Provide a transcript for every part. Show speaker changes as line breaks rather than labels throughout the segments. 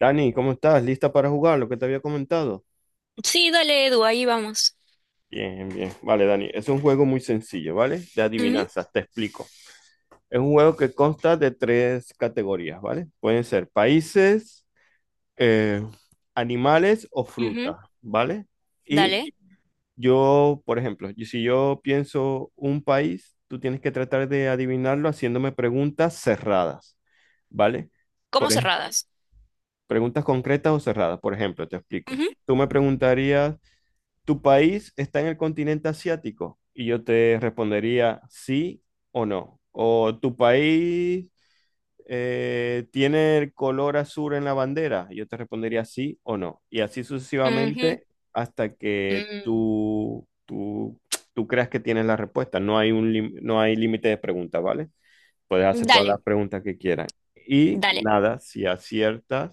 Dani, ¿cómo estás? ¿Lista para jugar lo que te había comentado?
Sí, dale, Edu, ahí vamos.
Bien, bien. Vale, Dani, es un juego muy sencillo, ¿vale? De
Ujú,
adivinanzas, te explico. Es un juego que consta de tres categorías, ¿vale? Pueden ser países, eh, animales o
ujú,
frutas, ¿vale? Y
dale.
yo, por ejemplo, y si yo pienso un país, tú tienes que tratar de adivinarlo haciéndome preguntas cerradas, ¿vale?
Como
Por ej-
cerradas.
Preguntas concretas o cerradas. Por ejemplo, te explico.
Ujú,
Tú me preguntarías: ¿Tu país está en el continente asiático? Y yo te respondería sí o no. ¿O tu país tiene el color azul en la bandera? Y yo te respondería sí o no. Y así
ujú,
sucesivamente hasta que
mm.
tú creas que tienes la respuesta. No hay un, no hay límite de preguntas, ¿vale? Puedes hacer todas las
Dale,
preguntas que quieras. Y
dale.
nada, si aciertas,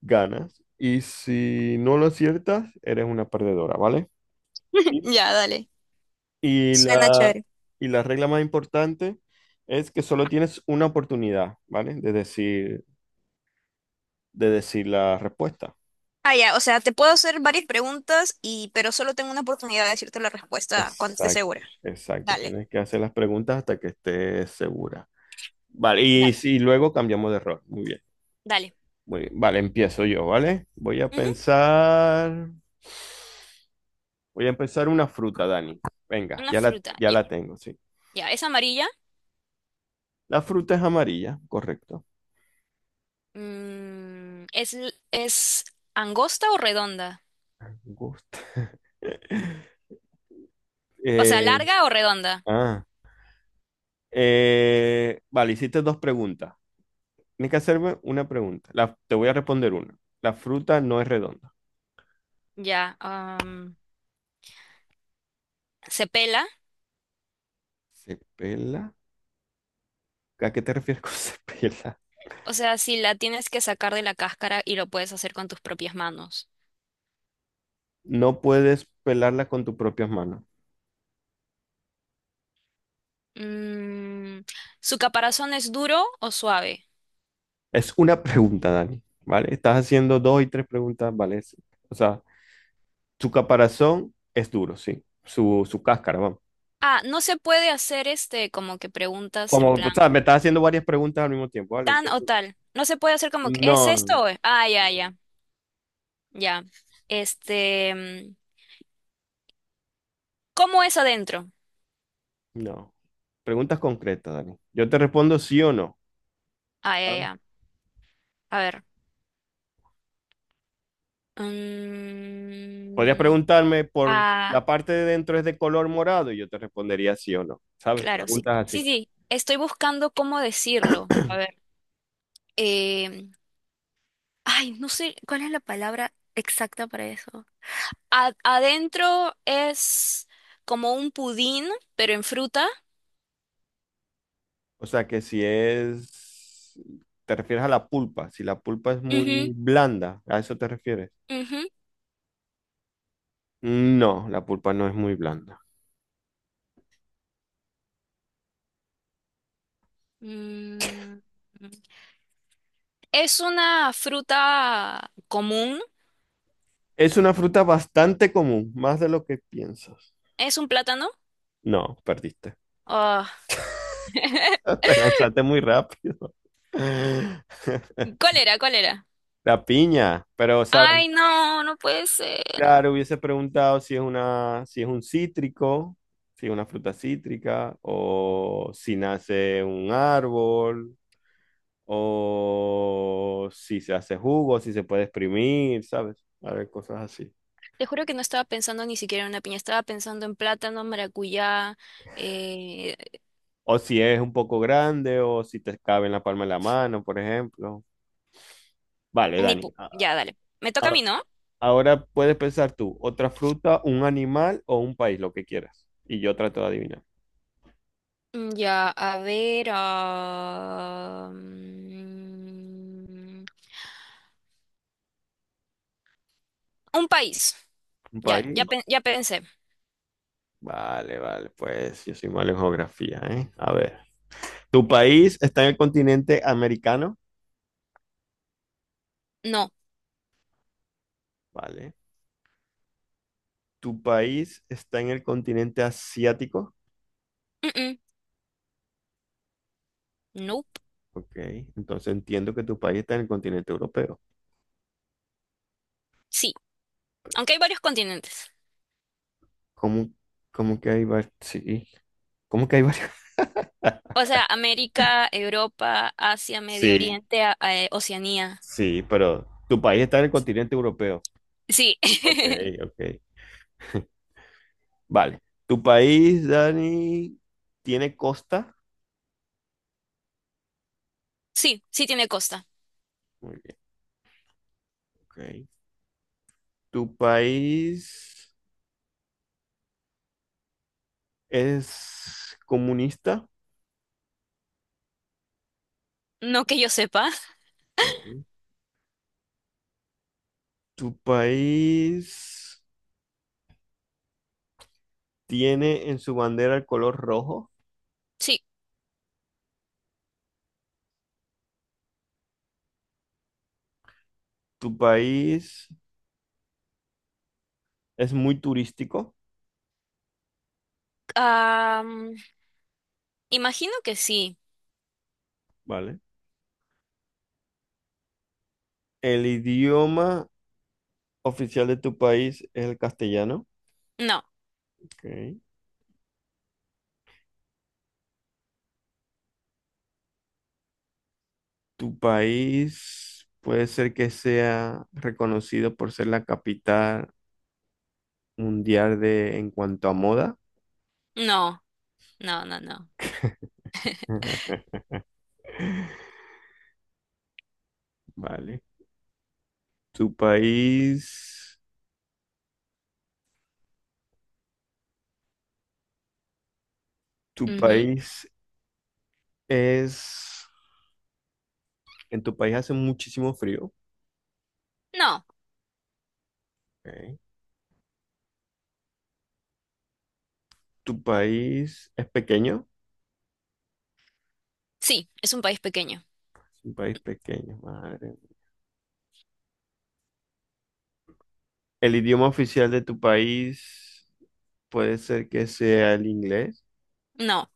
ganas. Y si no lo aciertas, eres una perdedora, ¿vale?
Ya, dale.
Y
Suena
la,
chévere.
y la regla más importante es que solo tienes una oportunidad, ¿vale? De decir la respuesta.
Ah, ya, o sea, te puedo hacer varias preguntas y pero solo tengo una oportunidad de decirte la respuesta cuando esté
Exacto,
segura.
exacto.
Dale.
Tienes que hacer las preguntas hasta que estés segura. Vale, y,
Dale.
si luego cambiamos de rol. Muy bien,
Dale.
muy bien. Vale, empiezo yo, ¿vale? Voy a
Ujú.
pensar, voy a empezar una fruta, Dani. Venga,
Una fruta.
ya
Ya,
la tengo, sí.
ya. ¿Es amarilla?
La fruta es amarilla, correcto.
Mm, ¿es, es angosta o redonda?
Gusta.
O sea,
Eh,
¿larga o redonda?
ah, vale, hiciste dos preguntas. Tienes que hacerme una pregunta. Te voy a responder una. La fruta no es redonda.
Ya. ¿Se pela?
¿Se pela? ¿A qué te refieres con se pela?
O sea, si la tienes que sacar de la cáscara y lo puedes hacer con tus propias manos.
No puedes pelarla con tus propias manos.
Mm, ¿su caparazón es duro o suave?
Es una pregunta, Dani, ¿vale? Estás haciendo dos y tres preguntas, ¿vale? Sí. O sea, su caparazón es duro, sí. Su cáscara, vamos.
Ah, no se puede hacer este como que preguntas en
Como, o
plan
sea, me estás haciendo varias preguntas al mismo tiempo, ¿vale?
tan o
Entonces,
tal. No se puede hacer como que "¿es
no, no,
esto? ¿o es-?". Ah, ya, ya, ya. Este, ¿cómo es adentro?
no. Preguntas concretas, Dani. Yo te respondo sí o no.
Ah, ya,
¿Ah?
ya. A ver.
Podrías
Mm,
preguntarme por
ah,
la parte de dentro es de color morado y yo te respondería sí o no, ¿sabes?
claro, sí.
Preguntas
Sí,
así.
sí. Estoy buscando cómo decirlo. A ver. em, Ay, no sé cuál es la palabra exacta para eso. Adentro es como un pudín, pero en fruta.
O sea que si es, te refieres a la pulpa, si la pulpa es muy
Ujú,
blanda, ¿a eso te refieres?
ujú.
No, la pulpa no es muy blanda.
Mm, es una fruta común.
Es una fruta bastante común, más de lo que piensas.
Es un plátano.
No, perdiste.
Ah.
Te lanzaste muy rápido.
¿Cuál era? ¿Cuál era?
La piña, pero sabes,
Ay, no, no puede ser.
claro, hubiese preguntado si es una, si es un cítrico, si es una fruta cítrica, o si nace un árbol, o si se hace jugo, si se puede exprimir, ¿sabes? A ver, cosas así.
Te juro que no estaba pensando ni siquiera en una piña. Estaba pensando en plátano, maracuyá. eh,
O si es un poco grande, o si te cabe en la palma de la mano, por ejemplo. Vale,
ni
Dani.
pu- ya, dale. Me toca a mí,
A-
¿no?
Ahora puedes pensar tú, otra fruta, un animal o un país, lo que quieras. Y yo trato de adivinar.
Mm, ya, a ver. Mm, un país.
¿Un
Ya, ya,
país?
ya pensé.
Vale, vale, pues yo soy malo en geografía, ¿eh? A ver. ¿Tu país está en el continente americano?
No.
Vale. ¿Tu país está en el continente asiático?
Mm-mm. Nope.
Ok, entonces entiendo que tu país está en el continente europeo.
Sí. Aunque hay varios continentes.
¿Cómo, ¿cómo que hay varios? Sí, ¿cómo que hay varios?
O sea, América, Europa, Asia, Medio
Sí,
Oriente, Oceanía.
sí, pero tu país está en el continente europeo.
Sí.
Ok, ok. Vale. ¿Tu país, Dani, tiene costa?
Sí, sí tiene costa.
Muy bien, ok. ¿Tu país es comunista?
No que yo sepa.
Ok. Tu país tiene en su bandera el color rojo.
Sí.
Tu país es muy turístico,
Mm, imagino que sí.
¿vale? El idioma oficial de tu país es el castellano.
No,
Ok. Tu país puede ser que sea reconocido por ser la capital mundial de en cuanto a moda.
no, no, no, no.
Vale. Tu país, tu
Ujú.
país es En tu país hace muchísimo frío.
No.
Ok. Tu país es pequeño.
Sí, es un país pequeño.
Es un país pequeño, madre mía. El idioma oficial de tu país puede ser que sea el inglés.
No.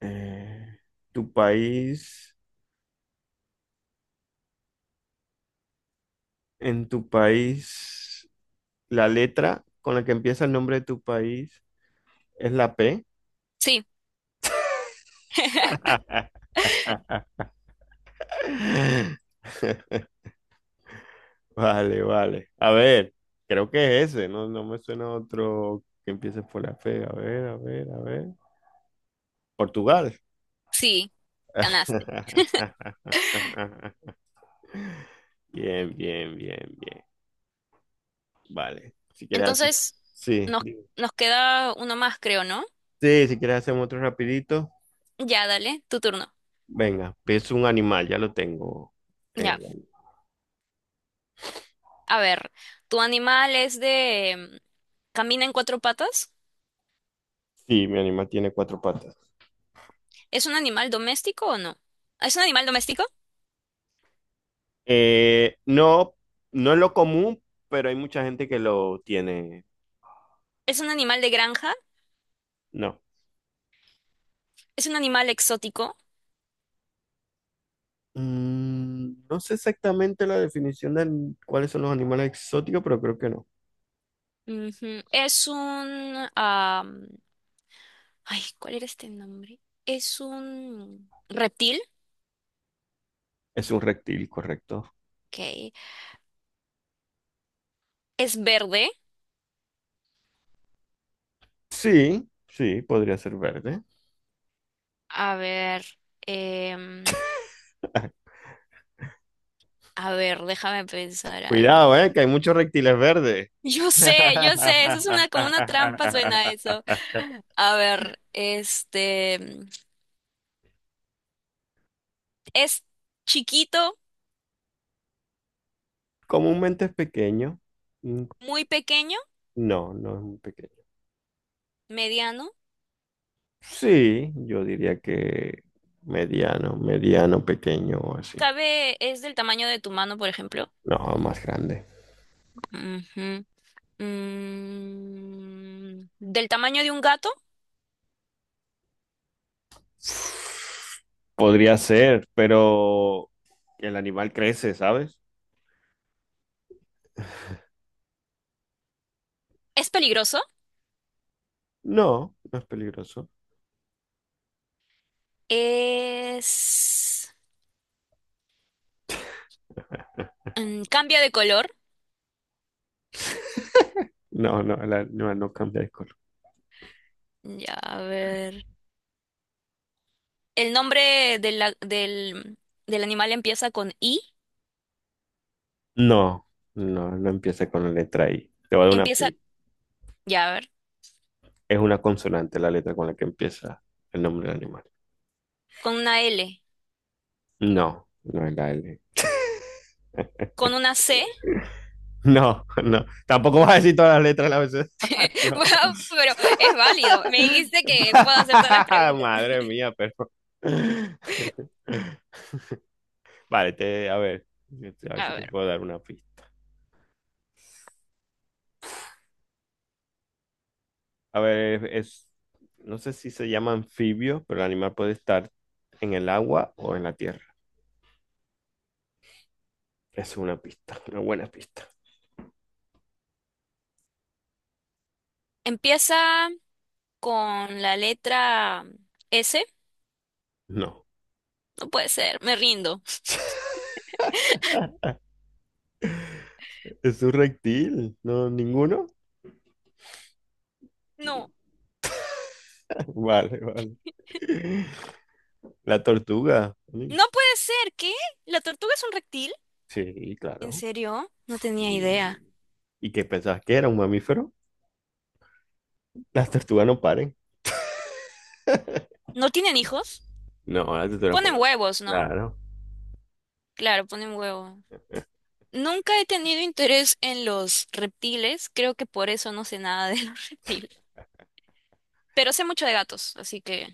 Eh, tu país, en tu país, la letra con la que empieza el nombre de tu país es la P.
Sí.
Vale, vale. A ver, creo que es ese. No, no me suena otro que empiece por la P. A ver, a ver, a ver. Portugal.
Sí, ganaste.
Bien, bien, bien, bien. Vale. Si quieres hacer.
Entonces,
Sí.
nos, nos queda uno más, creo, ¿no?
Sí, si quieres hacemos otro rapidito.
Ya, dale, tu turno.
Venga, es un animal, ya lo tengo. Eh,
Ya. A ver, ¿tu animal camina en cuatro patas?
sí, mi animal tiene cuatro patas.
¿Es un animal doméstico o no? ¿Es un animal doméstico?
No, no es lo común, pero hay mucha gente que lo tiene.
¿Es un animal de granja?
No.
¿Es un animal exótico?
Mm, no sé exactamente la definición de cuáles son los animales exóticos, pero creo que no.
Ujú. Ay, ¿cuál era este nombre? Es un reptil.
Es un reptil, correcto.
Ok. ¿Es verde?
Sí, sí, podría ser verde.
A ver. em, A ver, déjame pensar algo.
Cuidado, que hay muchos reptiles verdes.
Yo sé, eso es una, como una trampa suena eso. A ver, este, es chiquito,
Comúnmente es pequeño. Mm,
muy pequeño,
No, no es muy pequeño.
mediano.
Sí, yo diría que mediano, pequeño o así.
Cabe, es del tamaño de tu mano, por ejemplo.
No, más grande.
Ujú. Mm, del tamaño de un gato.
Podría ser, pero el animal crece, ¿sabes?
Es peligroso.
No, no es peligroso.
Es, mm, cambia de color.
No, no, el animal no cambia de color.
Ya, a ver. El nombre de del animal empieza con I.
No, no, no empieza con la letra I. Te voy a dar una
Empieza
pista.
ya, a ver.
Es una consonante la letra con la que empieza el nombre del animal.
Con una L.
No, no es la L.
Con una C.
No, no. Tampoco vas a decir todas las letras del abecedario.
Bueno, pero es válido. Me dijiste que puedo hacer todas las preguntas.
Madre mía, pero. Vale, te, a ver. A ver si
A
te
ver.
puedo dar una pista. A ver, es. No sé si se llama anfibio, pero el animal puede estar en el agua o en la tierra. Es una pista, una buena pista.
Empieza con la letra S.
No.
No puede ser. Me rindo.
Es un reptil, ¿no? ¿Ninguno?
No.
Vale, vale. La tortuga.
No puede ser. ¿Qué? ¿La tortuga es un reptil?
Sí,
¿En
claro.
serio? No tenía
Sí.
idea.
¿Y qué pensabas que era un mamífero? Las tortugas no paren.
¿No tienen hijos?
No, las tortugas
Ponen
ponen.
huevos, ¿no?
Claro.
Claro, ponen huevos. Nunca he tenido interés en los reptiles. Creo que por eso no sé nada de los reptiles. Pero sé mucho de gatos, así que...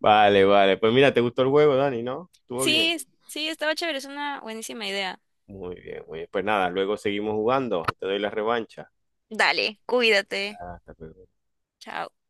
Vale, vale. Pues mira, ¿te gustó el juego, Dani, no? ¿Estuvo bien?
Sí, sí, estaba chévere, es una buenísima idea.
Muy bien, muy bien. Pues nada, luego seguimos jugando. Te doy la revancha.
Dale, cuídate.
Hasta luego.
Chao.